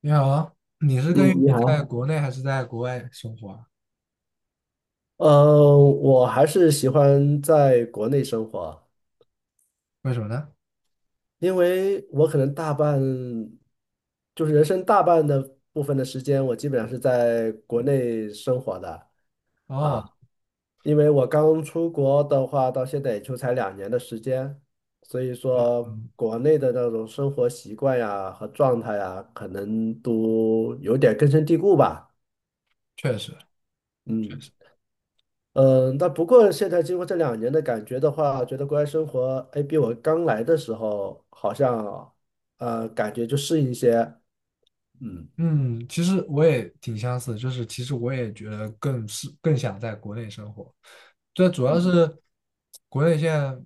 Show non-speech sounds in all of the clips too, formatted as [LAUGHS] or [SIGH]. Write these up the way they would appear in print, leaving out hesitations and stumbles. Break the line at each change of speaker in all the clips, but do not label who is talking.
你好，你是更
嗯，
愿意
你
在
好。
国内还是在国外生活啊？
我还是喜欢在国内生活，
为什么呢？
因为我可能大半，就是人生大半的部分的时间，我基本上是在国内生活的
哦，
啊。因为我刚出国的话，到现在也就才两年的时间，所以说国内的那种生活习惯呀和状态呀，可能都有点根深蒂固吧。
确实，
嗯。嗯，那不过现在经过这两年的感觉的话，觉得国外生活，哎，比我刚来的时候好像，感觉就适应一些。嗯
嗯，其实我也挺相似，就是其实我也觉得更是更想在国内生活，这主要
嗯，
是国内现在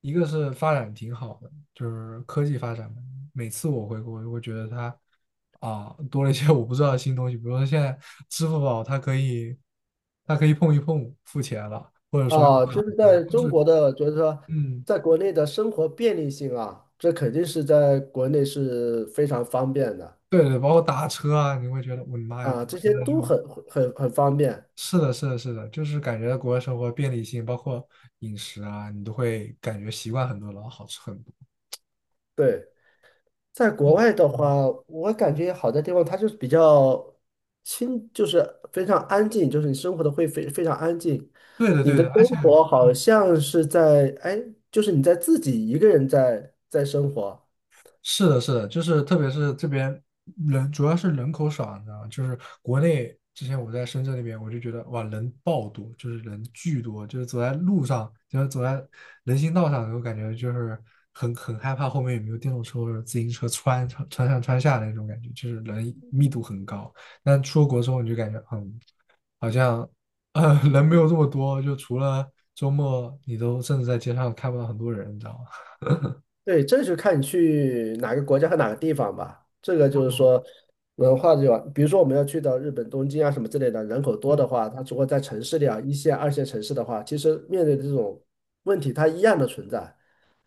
一个是发展挺好的，就是科技发展嘛。每次我回国，我会觉得它啊多了一些我不知道的新东西。比如说现在支付宝它可以碰一碰付钱了，或者说用
啊，就是
卡
在
了，就
中
是
国的，就是说，
嗯。
在国内的生活便利性啊，这肯定是在国内是非常方便的
对对，包括打车啊，你会觉得我的妈呀，打
啊，这
车
些
的时
都
候
很很方便。
是的，是的，是的，就是感觉国外生活便利性，包括饮食啊，你都会感觉习惯很多，然后好吃很多。
对，在国外的
嗯，
话，我感觉好的地方，它就是比较清，就是非常安静，就是你生活的会非常安静。
对的，
你
对
的
的，
生
而且。
活好像是在，哎，就是你在自己一个人在生活。
是的，是的，就是特别是这边人主要是人口少，你知道吗？就是国内之前我在深圳那边，我就觉得哇，人爆多，就是人巨多，就是走在路上，就是走在人行道上，我感觉就是很害怕后面有没有电动车或者自行车穿穿穿上穿下那种感觉，就是人密度很高。但出国之后，你就感觉嗯，好像人
嗯，
没有这么多，就除了周末，你都甚至在街上看不到很多人，你知道吗？
对，这就看你去哪个国家和哪个地方吧。这个就是说文化的话，比如说我们要去到日本东京啊什么之类的，人口多的话，它如果在城市里啊，一线、二线城市的话，其实面对的这种问题，它一样的存在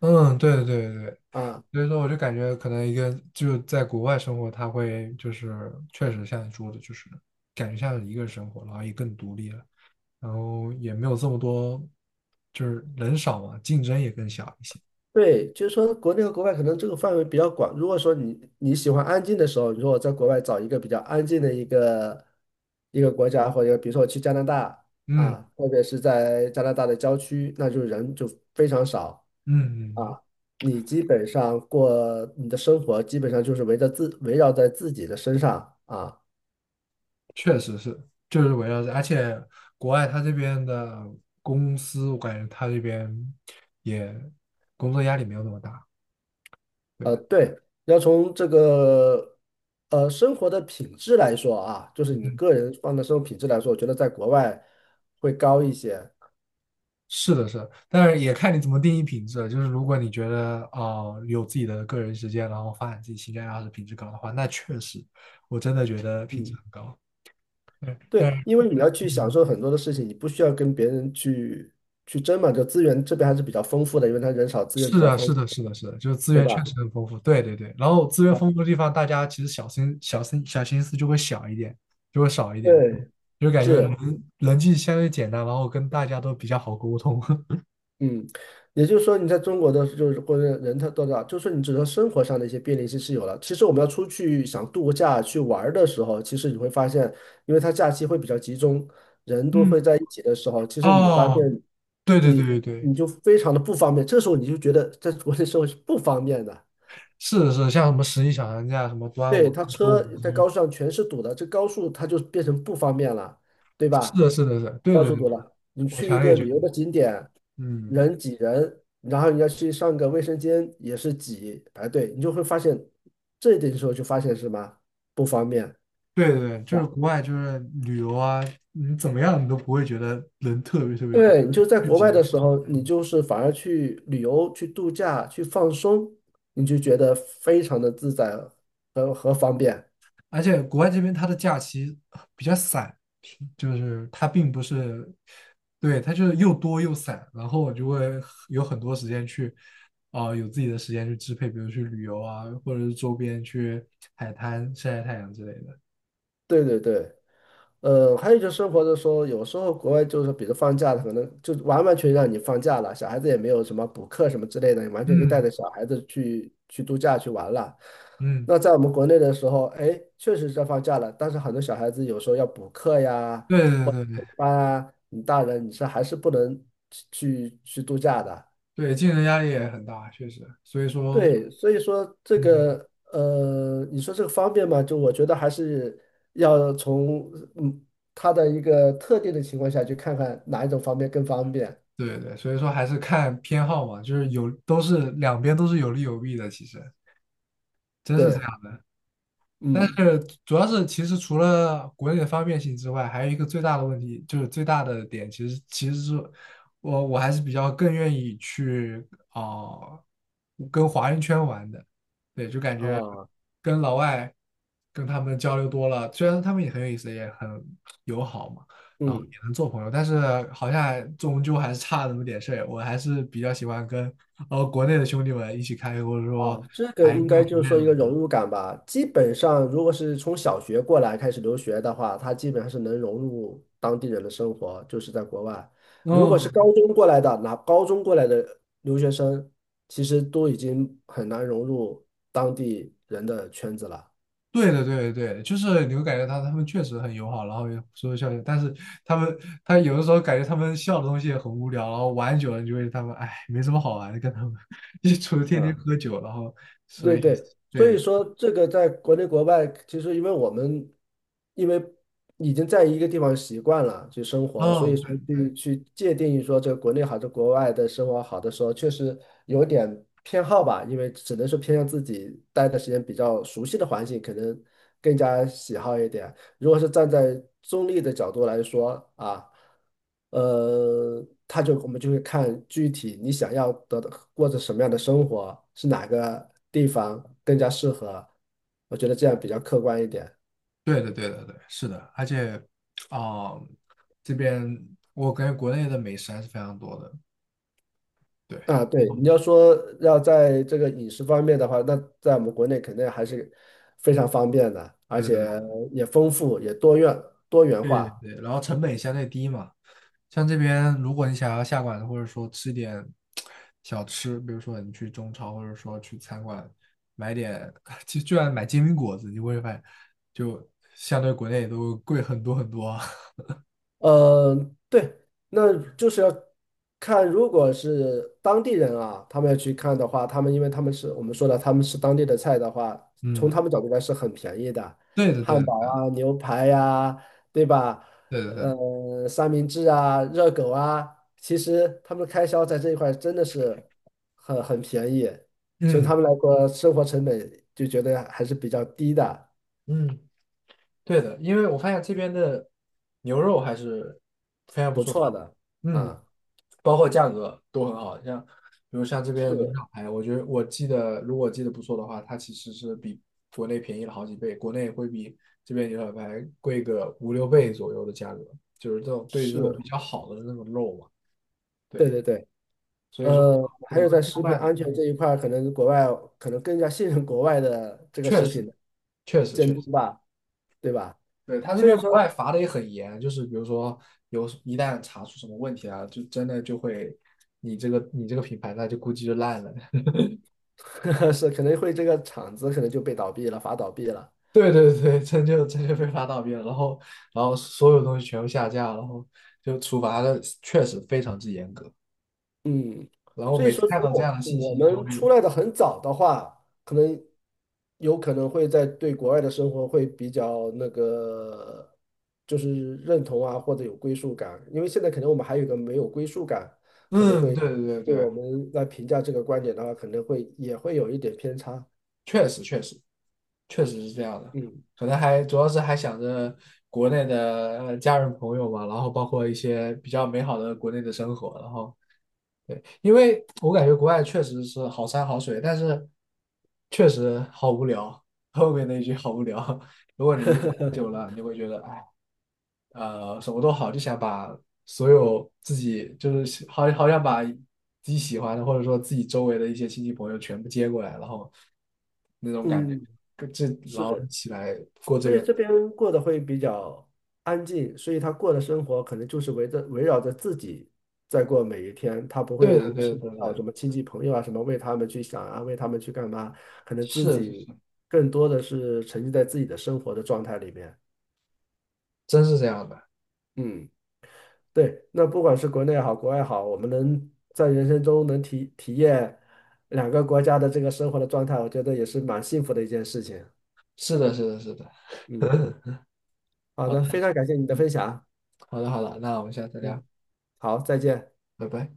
嗯，对对对对，
啊。
所以说，我就感觉可能一个就在国外生活，他会就是确实像你说的，就是感觉像是一个人生活，然后也更独立了，然后也没有这么多，就是人少嘛，竞争也更小一些。
对，就是说国内和国外可能这个范围比较广。如果说你喜欢安静的时候，你说我在国外找一个比较安静的一个国家，或者比如说我去加拿大
嗯
啊，特别是在加拿大的郊区，那就人就非常少
嗯嗯，
啊。你基本上过你的生活，基本上就是围绕在自己的身上啊。
确实是，就是围绕着，而且国外他这边的公司，我感觉他这边也工作压力没有那么大。对
呃，
的。
对，要从这个生活的品质来说啊，就是你个人放的生活品质来说，我觉得在国外会高一些。
是的，是的，但是也看你怎么定义品质了。就是如果你觉得啊、有自己的个人时间，然后发展自己兴趣爱好是品质高的话，那确实，我真的觉得品质
嗯，
很高。对，但
对，
是
因为你要去享
嗯，
受很多的事情，你不需要跟别人去争嘛，就资源这边还是比较丰富的，因为他人少，资源
是
比较
的，
丰
是
富，
的，是的，是的，就是资
对
源确
吧？
实很丰富。对对对，然后资源
哎
丰富的地方，大家其实小心、小心、小心思就会小一点，就会少一点，
对，
就感觉人
是，
人际相对简单，然后跟大家都比较好沟通。[LAUGHS]
嗯，也就是说，你在中国的就是或者人他多少，就是你只能生活上的一些便利性是有了。其实我们要出去想度个假去玩儿的时候，其实你会发现，因为他假期会比较集中，人都会
嗯，
在一起的时候，其实你发
哦，
现
对对对
你
对对。
你就非常的不方便。这时候你就觉得在国内生活是不方便的。
是的是的，像什么十一小长假、什么端午
对，
啊、
他
周五
车在
一，
高速上全是堵的，这高速它就变成不方便了，对
是
吧？
的，是的，是的，对
到
对
处
对，
堵了，你
我
去一
强烈
个
觉得，
旅游的景点，
嗯，
人挤人，然后你要去上个卫生间也是挤排队，你就会发现这一点的时候就发现什么不方便，是
对对对，就是
吧？
国外就是旅游啊，你怎么样你都不会觉得人特别特别多，
对，你就在
聚
国
集，
外的时候，你就是反而去旅游、去度假、去放松，你就觉得非常的自在。方便。
而且国外这边它的假期比较散，就是它并不是，对，它就是又多又散，然后我就会有很多时间去，啊、有自己的时间去支配，比如去旅游啊，或者是周边去海滩晒晒太阳之类的。
对对对。呃，还有就是生活的时候，有时候国外就是，比如放假了，可能就完完全让你放假了，小孩子也没有什么补课什么之类的，你完全可以带
嗯
着小孩子去度假去玩了。
嗯。
那在我们国内的时候，哎，确实在放假了，但是很多小孩子有时候要补课呀、
对对对对，
班啊，你大人你是还是不能去度假的。
对竞争压力也很大，确实。所以说，
对，所以说这
嗯，
个你说这个方便嘛，就我觉得还是要从嗯它的一个特定的情况下去看看哪一种方便更方便。
对对，所以说还是看偏好嘛，就是有都是两边都是有利有弊的，其实真是这
对，
样。但
嗯，
是主要是，其实除了国内的方便性之外，还有一个最大的问题，就是最大的点，其实是我还是比较更愿意去啊跟华人圈玩的。对，就感觉
啊。
跟老外跟他们交流多了，虽然他们也很有意思，也很友好嘛，然后
嗯。
也能做朋友，但是好像终究还是差那么点事儿，我还是比较喜欢跟国内的兄弟们一起开会，或者说
啊，这个
谈一个
应该就
国
是
内
说一个融
的。
入感吧。基本上，如果是从小学过来开始留学的话，他基本上是能融入当地人的生活，就是在国外。如果是高
嗯，
中过来的，拿高中过来的留学生，其实都已经很难融入当地人的圈子了。
对的，对的，对的，就是你会感觉他们确实很友好，然后也说笑笑，但是他们他有的时候感觉他们笑的东西也很无聊，然后玩久了你就会他们哎没什么好玩的，跟他们 [LAUGHS] 一除了天天
嗯。
喝酒，然后所
对
以
对，
对
所
的，
以说这个在国内国外，其实因为我们因为已经在一个地方习惯了去生活，所以
嗯，
说去界定说这个国内好的国外的生活好的时候，确实有点偏好吧，因为只能是偏向自己待的时间比较熟悉的环境，可能更加喜好一点。如果是站在中立的角度来说啊，他就我们就会看具体你想要得到过着什么样的生活，是哪个地方更加适合。我觉得这样比较客观一点
对对对的，对的，对的是的。而且啊、这边我感觉国内的美食还是非常多的。对，
啊。对，你
嗯，
要说要在这个饮食方面的话，那在我们国内肯定还是非常方便的，而
对对
且也丰富，也多元
对对
化。
对，然后成本也相对低嘛。像这边，如果你想要下馆子，或者说吃点小吃，比如说你去中超，或者说去餐馆买点，[LAUGHS] 就就算买煎饼果子，你会发现就相对国内都贵很多很多。[LAUGHS]
呃，对，那就是要看，如果是当地人啊，他们要去看的话，他们因为他们是我们说的，他们是当地的菜的话，从
嗯，
他们角度来是很便宜的，
对的，对
汉
的，
堡啊、牛排呀、对吧？
对的，对的，
呃，三明治啊、热狗啊，其实他们的开销在这一块真的是很便宜，从他
嗯
们来说，生活成本就觉得还是比较低的，
嗯，对的，因为我发现这边的牛肉还是非常不
不
错的。
错的啊，
包括价格都很好，像比如像这边的
是
牛小排，我觉得我记得如果记得不错的话，它其实是比国内便宜了好几倍，国内会比这边牛小排贵个五六倍左右的价格，就是这种对于这种比
是，
较好的那种肉嘛。
对
对，
对对。
所以说
呃，还
你
有
会
在
做
食品
饭，
安全这一
嗯，
块儿可能国外可能更加信任国外的这个
确
食
实
品的
确实确
监
实。
督吧，对吧？
对，他这
所
边
以
国
说
外罚的也很严，就是比如说有一旦查出什么问题啊，就真的就会你这个品牌那就估计就烂了。
[LAUGHS] 是可能会这个厂子可能就被倒闭了，罚倒闭了。
[LAUGHS] 对对对，真就真就被发到边了，然后然后所有东西全部下架，然后就处罚的确实非常之严格。
嗯，
然后
所以
每次
说，
看
如
到这样
果
的信息，
我
你就会，
们出来的很早的话，可能有可能会在对国外的生活会比较那个，就是认同啊，或者有归属感。因为现在可能我们还有一个没有归属感，可能
嗯，
会
对对对
对
对，
我们来评价这个观点的话，可能会也会有一点偏差。
确实确实是这样的。
嗯
可能还主要是还想着国内的家人朋友嘛，然后包括一些比较美好的国内的生活，然后对，因为我感觉国外确实是好山好水，但是确实好无聊。后面那一句好无聊，[LAUGHS] 如果你一个人待久了，你会觉得哎。什么都好，就想把所有自己就是好好想把自己喜欢的或者说自己周围的一些亲戚朋友全部接过来，然后那种感觉，
嗯，
跟这然后一
是。
起来过这
所以
边。
这边过得会比较安静，所以他过的生活可能就是围绕着自己在过每一天，他不
对的，
会
对
涉
的，
及
对
到
的，
什么亲戚朋友啊，什么为他们去想啊，为他们去干嘛，可能自
是，
己更多的是沉浸在自己的生活的状态里面。
真是这样的，
嗯，对，那不管是国内也好，国外也好，我们能在人生中能体验两个国家的这个生活的状态，我觉得也是蛮幸福的一件事情。
是的，是的，是的。
嗯
[LAUGHS]
好的，非常感谢你的分享。
好的，好的，那我们下次聊，
嗯，好，再见。
拜拜。